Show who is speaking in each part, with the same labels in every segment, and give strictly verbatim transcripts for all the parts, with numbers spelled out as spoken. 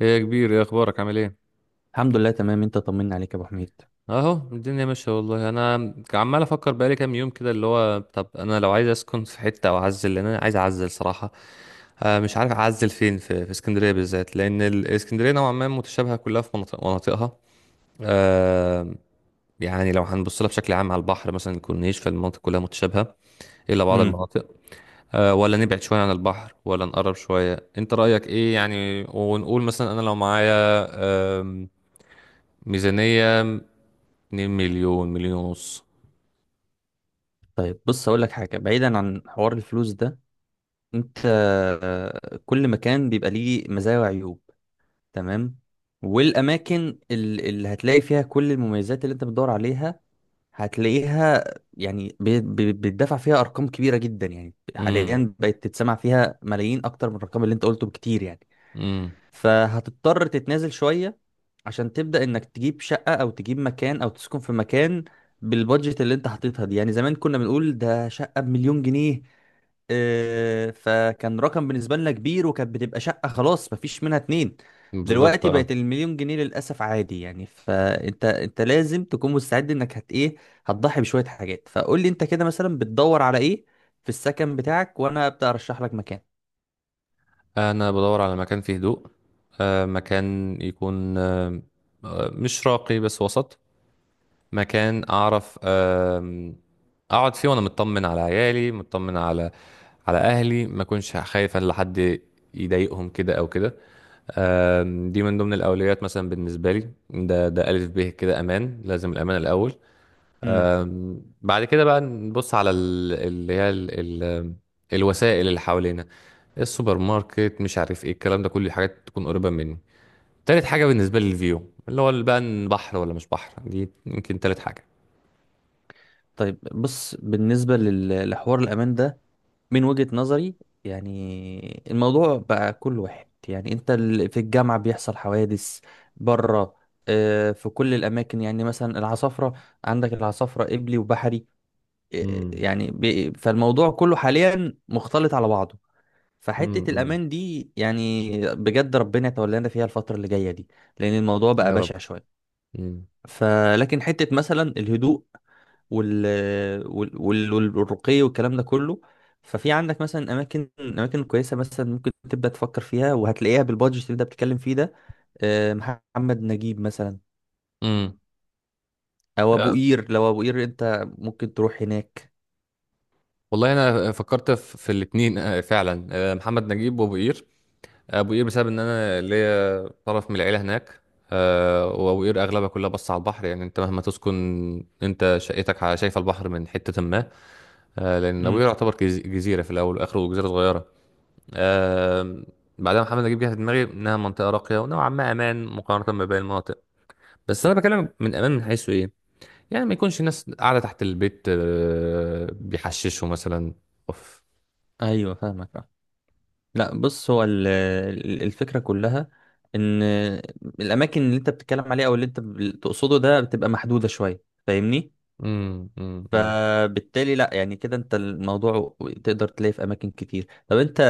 Speaker 1: ايه يا كبير، ايه اخبارك؟ عامل ايه؟
Speaker 2: الحمد لله تمام، انت طمنا عليك يا ابو حميد.
Speaker 1: اهو الدنيا ماشيه. والله انا عمال افكر بقالي كام يوم كده، اللي هو طب انا لو عايز اسكن في حته او اعزل، لان انا عايز اعزل صراحه. آه، مش عارف اعزل فين في في اسكندريه بالذات، لان ال- اسكندريه نوعا ما متشابهه كلها، في مناطق مناطقها. آه، يعني لو هنبص لها بشكل عام على البحر، مثلا الكورنيش، فالمناطق كلها متشابهه الا بعض
Speaker 2: امم.
Speaker 1: المناطق. آه، ولا نبعد شويه عن البحر ولا نقرب شويه، انت رايك ايه يعني؟ ونقول مثلا انا لو معايا آم، ميزانيه 2 مليون، مليون ونص.
Speaker 2: طيب بص اقول لك حاجه، بعيدا عن حوار الفلوس ده. انت آه، كل مكان بيبقى ليه مزايا وعيوب. تمام. والاماكن ال- اللي هتلاقي فيها كل المميزات اللي انت بتدور عليها هتلاقيها، يعني بي- بي- بيتدفع فيها ارقام كبيره جدا. يعني
Speaker 1: امم.
Speaker 2: حاليا بقت تتسمع فيها ملايين اكتر من الرقم اللي انت قلته بكتير، يعني
Speaker 1: امم.
Speaker 2: فهتضطر تتنازل شويه عشان تبدأ انك تجيب شقة او تجيب مكان او تسكن في مكان بالبادجت اللي انت حاططها دي. يعني زمان كنا بنقول ده شقة بمليون جنيه، آه، فكان رقم بالنسبة لنا كبير، وكانت بتبقى شقة خلاص مفيش منها اتنين.
Speaker 1: بالظبط.
Speaker 2: دلوقتي
Speaker 1: اه.
Speaker 2: بقت المليون جنيه للأسف عادي، يعني فانت انت لازم تكون مستعد انك هت ايه، هتضحي بشوية حاجات. فقول لي انت كده مثلا بتدور على ايه في السكن بتاعك وانا ابدأ ارشح لك مكان.
Speaker 1: انا بدور على مكان فيه هدوء، آه مكان يكون آه آه، مش راقي بس وسط، مكان اعرف آه اقعد فيه وانا مطمن على عيالي، مطمن على على اهلي، ما اكونش خايف ان حد يضايقهم كده او كده. آم، دي من ضمن الاولويات مثلا بالنسبه لي، ده ده الف ب كده، امان، لازم الامان الاول.
Speaker 2: امم.
Speaker 1: بعد كده بقى نبص على ال- اللي هي ال... ال... الوسائل اللي حوالينا، السوبر ماركت، مش عارف ايه الكلام ده، كل حاجات تكون قريبة مني. تالت حاجة بالنسبة لي الفيو، اللي هو بقى إن بحر ولا مش بحر، دي يمكن تالت حاجة.
Speaker 2: طيب بص، بالنسبة لل- لحوار الأمان ده من وجهة نظري. يعني الموضوع بقى كل واحد، يعني انت ال- في الجامعة بيحصل حوادث بره، آه، في كل الأماكن. يعني مثلا العصافرة، عندك العصافرة إبلي وبحري، آه،
Speaker 1: امم.
Speaker 2: يعني بي- فالموضوع كله حاليا مختلط على بعضه. فحتة
Speaker 1: امم.
Speaker 2: الأمان دي يعني بجد ربنا يتولانا فيها الفترة اللي جاية دي، لأن الموضوع بقى
Speaker 1: يا رب.
Speaker 2: بشع شوية.
Speaker 1: امم.
Speaker 2: فلكن حتة مثلا الهدوء وال وال وال- والرقي والكلام ده كله، ففي عندك مثلا اماكن اماكن كويسه مثلا، ممكن تبدا تفكر فيها وهتلاقيها بالبادجت اللي انت بتتكلم فيه ده. آه، محمد نجيب مثلا،
Speaker 1: امم.
Speaker 2: او ابو قير. لو ابو قير انت ممكن تروح هناك.
Speaker 1: والله انا فكرت في في الاتنين، آه، فعلا، آه، محمد نجيب وابو قير. ابو قير بسبب ان انا ليا طرف من العيله هناك. آه، وابو قير اغلبها كلها بص على البحر، يعني انت مهما تسكن، انت شقتك ع- شايفه البحر من حته ما. آه، لان ابو
Speaker 2: امم.
Speaker 1: قير يعتبر جز- جزيره في الاول واخره، جزيره صغيره. آه، بعدها محمد نجيب جه في دماغي انها منطقه راقيه ونوعا ما امان مقارنه بباقي المناطق، بس انا بكلم من امان من حيث ايه؟ يعني ما يكونش الناس قاعده تحت البيت آه، بيحششوا مثلا. اوف.
Speaker 2: ايوه فاهمك، آه. لا بص، هو ال- ال- الفكره كلها ان الاماكن اللي انت بتتكلم عليها او اللي انت بتقصده ده بتبقى محدوده شويه، فاهمني؟
Speaker 1: امم. امم.
Speaker 2: فبالتالي لا يعني كده انت الموضوع تقدر تلاقيه في اماكن كتير. طب انت،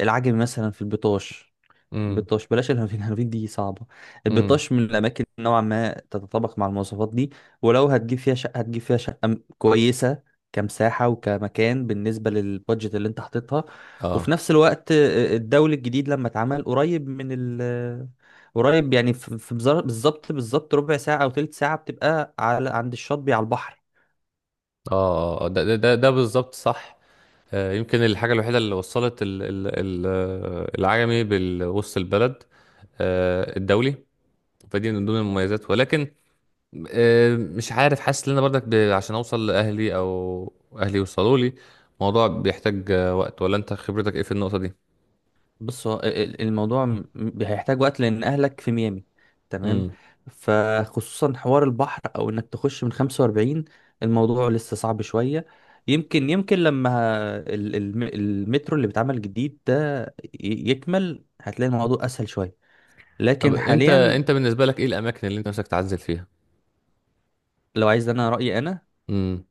Speaker 2: العجمي مثلا، في البطاش.
Speaker 1: امم.
Speaker 2: البطاش بلاش، الهرفين الهرفين دي صعبة.
Speaker 1: امم.
Speaker 2: البطاش من الأماكن نوعا ما تتطابق مع المواصفات دي، ولو هتجيب فيها شقة هتجيب فيها شقة م- كويسة، كمساحة وكمكان بالنسبة للبادجت اللي انت حاططها. وفي
Speaker 1: اه.
Speaker 2: نفس الوقت آه، الدولي الجديد لما اتعمل قريب من ال، قريب يعني في في بزر- بالظبط بالظبط، ربع ساعة أو تلت ساعة بتبقى على عند الشاطبي على البحر.
Speaker 1: اه. آه، آه. ده ده ده, ده بالظبط صح. آه، يمكن الحاجة الوحيدة اللي وصلت ال ال ال آه، العجمي بوسط البلد، آه، الدولي، فدي من ضمن المميزات. ولكن آه، مش عارف، حاسس ان انا برضك ب- عشان اوصل لاهلي او اهلي يوصلوا لي، الموضوع بيحتاج آه، وقت، ولا انت خبرتك ايه في النقطة دي؟
Speaker 2: بص هو ال- الموضوع م- م- هيحتاج وقت لان اهلك في ميامي. تمام.
Speaker 1: امم.
Speaker 2: فخصوصا حوار البحر، او انك تخش من خمسة وأربعين، الموضوع لسه صعب شوية. يمكن يمكن لما ال- الم- المترو اللي بيتعمل جديد ده ي- يكمل، هتلاقي الموضوع اسهل شوية،
Speaker 1: طب
Speaker 2: لكن
Speaker 1: انت
Speaker 2: حاليا.
Speaker 1: انت بالنسبة لك ايه الاماكن اللي انت نفسك تعزل فيها؟
Speaker 2: لو عايز، انا رأيي انا،
Speaker 1: امم.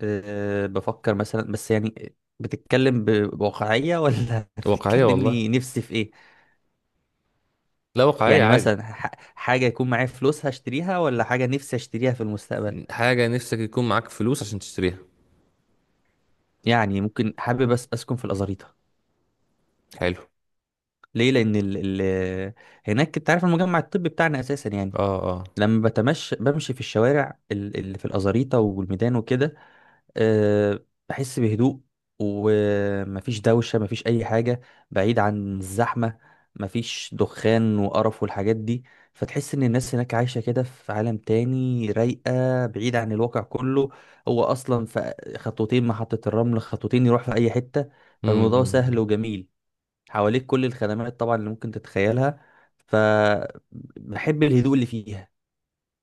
Speaker 2: أه بفكر مثلا، بس يعني بتتكلم ب- بواقعية ولا
Speaker 1: واقعية والله.
Speaker 2: بتتكلمني نفسي في ايه؟
Speaker 1: لا، واقعية
Speaker 2: يعني
Speaker 1: عادي.
Speaker 2: مثلا ح- حاجة يكون معايا فلوس هشتريها، ولا حاجة نفسي اشتريها في المستقبل؟
Speaker 1: حاجة نفسك يكون معاك فلوس عشان تشتريها.
Speaker 2: يعني ممكن، حابب بس اسكن في الأزاريطة.
Speaker 1: حلو.
Speaker 2: ليه؟ لأن ال ال هناك، انت عارف المجمع الطبي بتاعنا أساسا يعني.
Speaker 1: اه. اه.
Speaker 2: لما بتمشى بمشي في الشوارع ال- اللي في الأزاريطة والميدان وكده، أه بحس بهدوء، ومفيش دوشة مفيش أي حاجة، بعيد عن الزحمة، مفيش دخان وقرف والحاجات دي. فتحس إن الناس هناك عايشة كده في عالم تاني، رايقة بعيد عن الواقع كله. هو أصلا في خطوتين محطة الرمل، خطوتين يروح في أي حتة،
Speaker 1: امم. إمم،
Speaker 2: فالموضوع سهل
Speaker 1: إمم.
Speaker 2: وجميل، حواليك كل الخدمات طبعا اللي ممكن تتخيلها. فبحب الهدوء اللي فيها.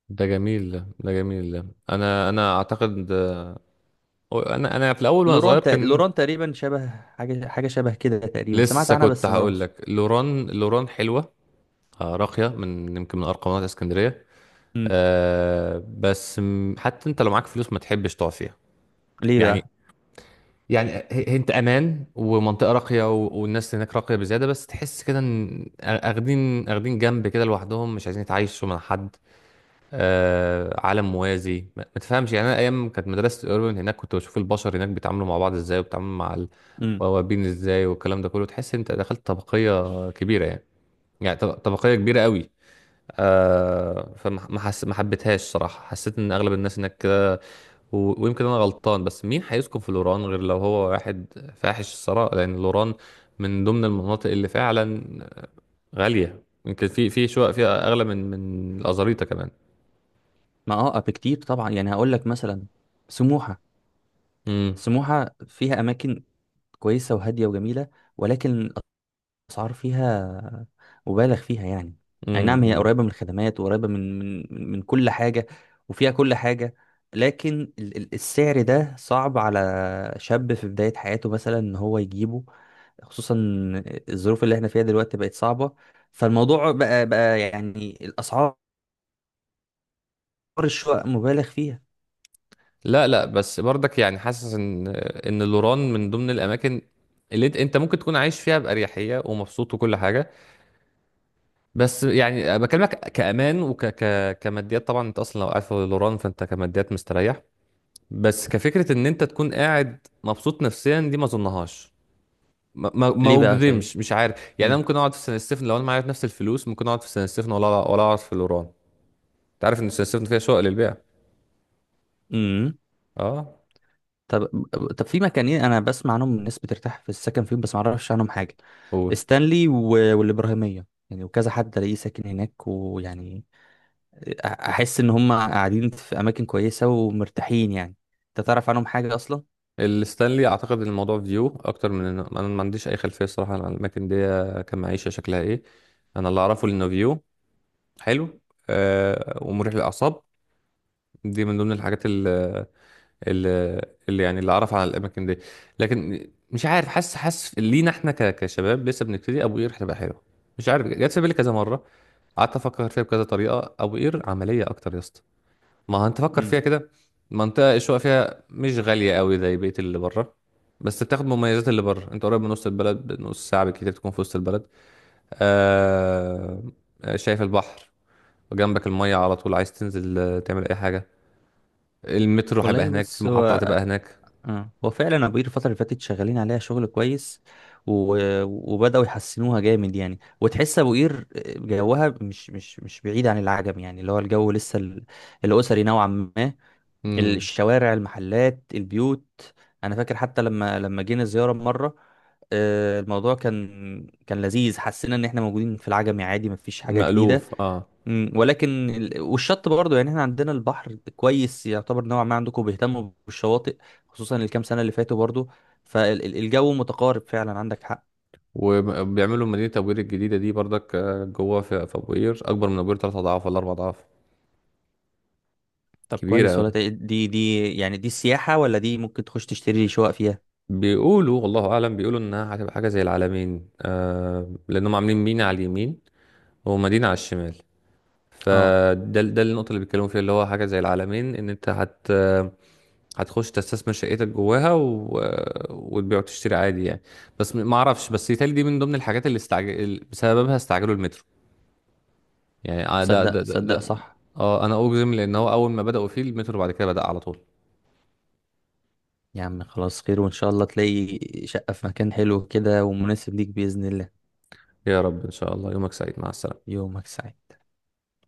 Speaker 1: ده جميل، ده ده جميل، ده انا انا اعتقد انا انا في الاول وانا صغير
Speaker 2: لوران تق-
Speaker 1: كان.
Speaker 2: لوران تقريبا شبه حاجة، حاجة شبه كده تقريبا، سمعت
Speaker 1: لسه
Speaker 2: عنها
Speaker 1: كنت
Speaker 2: بس ما
Speaker 1: هقول
Speaker 2: رحتش.
Speaker 1: لك لوران، لوران حلوه. آه، راقيه، من يمكن من ارقامات اسكندريه.
Speaker 2: مم.
Speaker 1: آه بس م- حتى انت لو معاك فلوس ما تحبش تقعد فيها.
Speaker 2: ليه
Speaker 1: يعني
Speaker 2: بقى؟
Speaker 1: يعني هي- هي انت امان ومنطقه راقيه، و- والناس هناك راقيه بزياده، بس تحس كده ان اخدين اخدين جنب كده لوحدهم، مش عايزين يتعايشوا مع حد. آه، عالم موازي، ما ما تفهمش يعني. انا ايام كانت مدرسه الاوربن هناك كنت بشوف البشر هناك بيتعاملوا مع بعض ازاي، وبيتعاملوا مع
Speaker 2: مم.
Speaker 1: البوابين ازاي والكلام ده كله، تحس انت دخلت طبقيه كبيره، يعني يعني طب- طبقيه كبيره قوي. آه فما ما حس... ما حبيتهاش صراحه، حسيت ان اغلب الناس هناك كده. و... ويمكن انا غلطان، بس مين هيسكن في لوران غير لو هو واحد فاحش الثراء؟ لان لوران من ضمن المناطق اللي فعلا غاليه، يمكن في في شقق فيها اغلى من من الازاريطه
Speaker 2: ما اه بكتير طبعا، يعني هقول لك مثلا سموحة.
Speaker 1: كمان.
Speaker 2: سموحة فيها اماكن كويسة وهادية وجميلة، ولكن الاسعار فيها مبالغ فيها يعني. اي
Speaker 1: امم.
Speaker 2: نعم، هي
Speaker 1: امم.
Speaker 2: قريبة من الخدمات، وقريبة من من من كل حاجة، وفيها كل حاجة، لكن ال- ال- السعر ده صعب على شاب في بداية حياته مثلا ان هو يجيبه، خصوصا الظروف اللي احنا فيها دلوقتي بقت صعبة. فالموضوع بقى بقى يعني، الاسعار، الشقق مبالغ فيها.
Speaker 1: لا لا، بس برضك يعني حاسس ان ان لوران من ضمن الاماكن اللي انت انت ممكن تكون عايش فيها باريحيه ومبسوط وكل حاجه، بس يعني بكلمك كامان، وك ك كماديات طبعا. انت اصلا لو قاعد في لوران فانت كماديات مستريح، بس كفكره ان انت تكون قاعد مبسوط نفسيا دي ما اظنهاش. ما ما
Speaker 2: ليه
Speaker 1: ما
Speaker 2: بقى طيب؟
Speaker 1: اجزمش، مش عارف يعني. انا
Speaker 2: امم.
Speaker 1: ممكن اقعد في سان ستيفن، لو انا معايا نفس الفلوس ممكن اقعد في سان ستيفن ولا ولا اقعد في لوران. انت عارف ان سان ستيفن فيها شقق للبيع.
Speaker 2: امم.
Speaker 1: اه.
Speaker 2: طب طب في مكانين انا بسمع عنهم الناس بترتاح في السكن فيهم، بس ما اعرفش عنهم حاجه.
Speaker 1: قول.
Speaker 2: ستانلي و... والابراهيميه يعني، وكذا حد الاقيه ساكن هناك ويعني أ- احس ان هم قاعدين في اماكن كويسه ومرتاحين يعني. انت تعرف عنهم حاجه اصلا؟
Speaker 1: الستانلي اعتقد إن الموضوع فيو اكتر من إنه- انا ما عنديش اي خلفيه الصراحه عن الاماكن دي كمعيشه شكلها ايه. انا اللي اعرفه انه فيو حلو، آه ومريح للاعصاب، دي من ضمن الحاجات اللي, اللي يعني اللي اعرف عن الاماكن دي. لكن مش عارف، حاسس، حاسس لينا احنا ك- كشباب لسه بنبتدي ابو قير هتبقى حلوه. مش عارف، جت في بالي كذا مره، قعدت افكر فيها بكذا طريقه. ابو قير عمليه اكتر يا اسطى، ما انت فكر فيها
Speaker 2: امم.
Speaker 1: كده. منطقة الشقق فيها مش غالية قوي زي بقية اللي بره، بس بتاخد مميزات اللي بره، انت قريب من وسط البلد، بنص ساعة بالكتير تكون في وسط البلد. آه... شايف البحر، وجنبك المية على طول، عايز تنزل آه، تعمل أي حاجة. المترو هيبقى
Speaker 2: والله
Speaker 1: هناك،
Speaker 2: بص هو،
Speaker 1: المحطة هتبقى هناك.
Speaker 2: اه هو فعلا ابو قير الفترة اللي فاتت شغالين عليها شغل كويس، و... وبدأوا يحسنوها جامد يعني. وتحس ابو قير جوها مش مش مش بعيد عن العجم، يعني اللي هو الجو لسه ال... الأسري نوعا ما،
Speaker 1: مم.
Speaker 2: الشوارع المحلات البيوت. انا فاكر حتى لما لما جينا زيارة مرة، آه، الموضوع كان كان لذيذ. حسينا ان احنا موجودين في العجمي عادي، مفيش حاجة جديدة.
Speaker 1: مألوف. اه.
Speaker 2: مم، ولكن ال- والشط برضه، يعني احنا عندنا البحر كويس يعتبر، نوعا ما عندكم بيهتموا بالشواطئ، خصوصا الكام سنة اللي فاتوا برضه. فالجو متقارب فعلا، عندك حق.
Speaker 1: وبيعملوا مدينة أبو قير الجديدة دي برضك، آه، جوه في في أبو قير، أكبر من أبو قير تلات أضعاف ولا أربع أضعاف.
Speaker 2: طب
Speaker 1: كبيرة
Speaker 2: كويس
Speaker 1: أوي.
Speaker 2: ولا تق- دي دي يعني دي سياحة ولا دي ممكن تخش تشتري شقق فيها؟
Speaker 1: بيقولوا، والله اعلم، بيقولوا انها هتبقى حاجه زي العلمين، آه لانهم عاملين مينا على اليمين ومدينه على الشمال.
Speaker 2: اه.
Speaker 1: فده ده النقطه اللي بيتكلموا فيها، اللي هو حاجه زي العلمين، ان انت هت هتخش تستثمر شقتك جواها و... وتبيع وتشتري عادي يعني. بس ما اعرفش، بس يتهيألي دي من ضمن الحاجات اللي استعجل بسببها، استعجلوا المترو. يعني آه، ده ده
Speaker 2: صدق
Speaker 1: ده,
Speaker 2: صدق
Speaker 1: ده.
Speaker 2: صح.
Speaker 1: اه انا اجزم لان هو اول ما بدأوا فيه المترو بعد كده بدأ على طول.
Speaker 2: يا عم خلاص خير، وان شاء الله تلاقي شقة في مكان حلو كده ومناسب ليك بإذن الله.
Speaker 1: يا رب ان شاء الله. يومك سعيد، مع السلامه.
Speaker 2: يومك سعيد.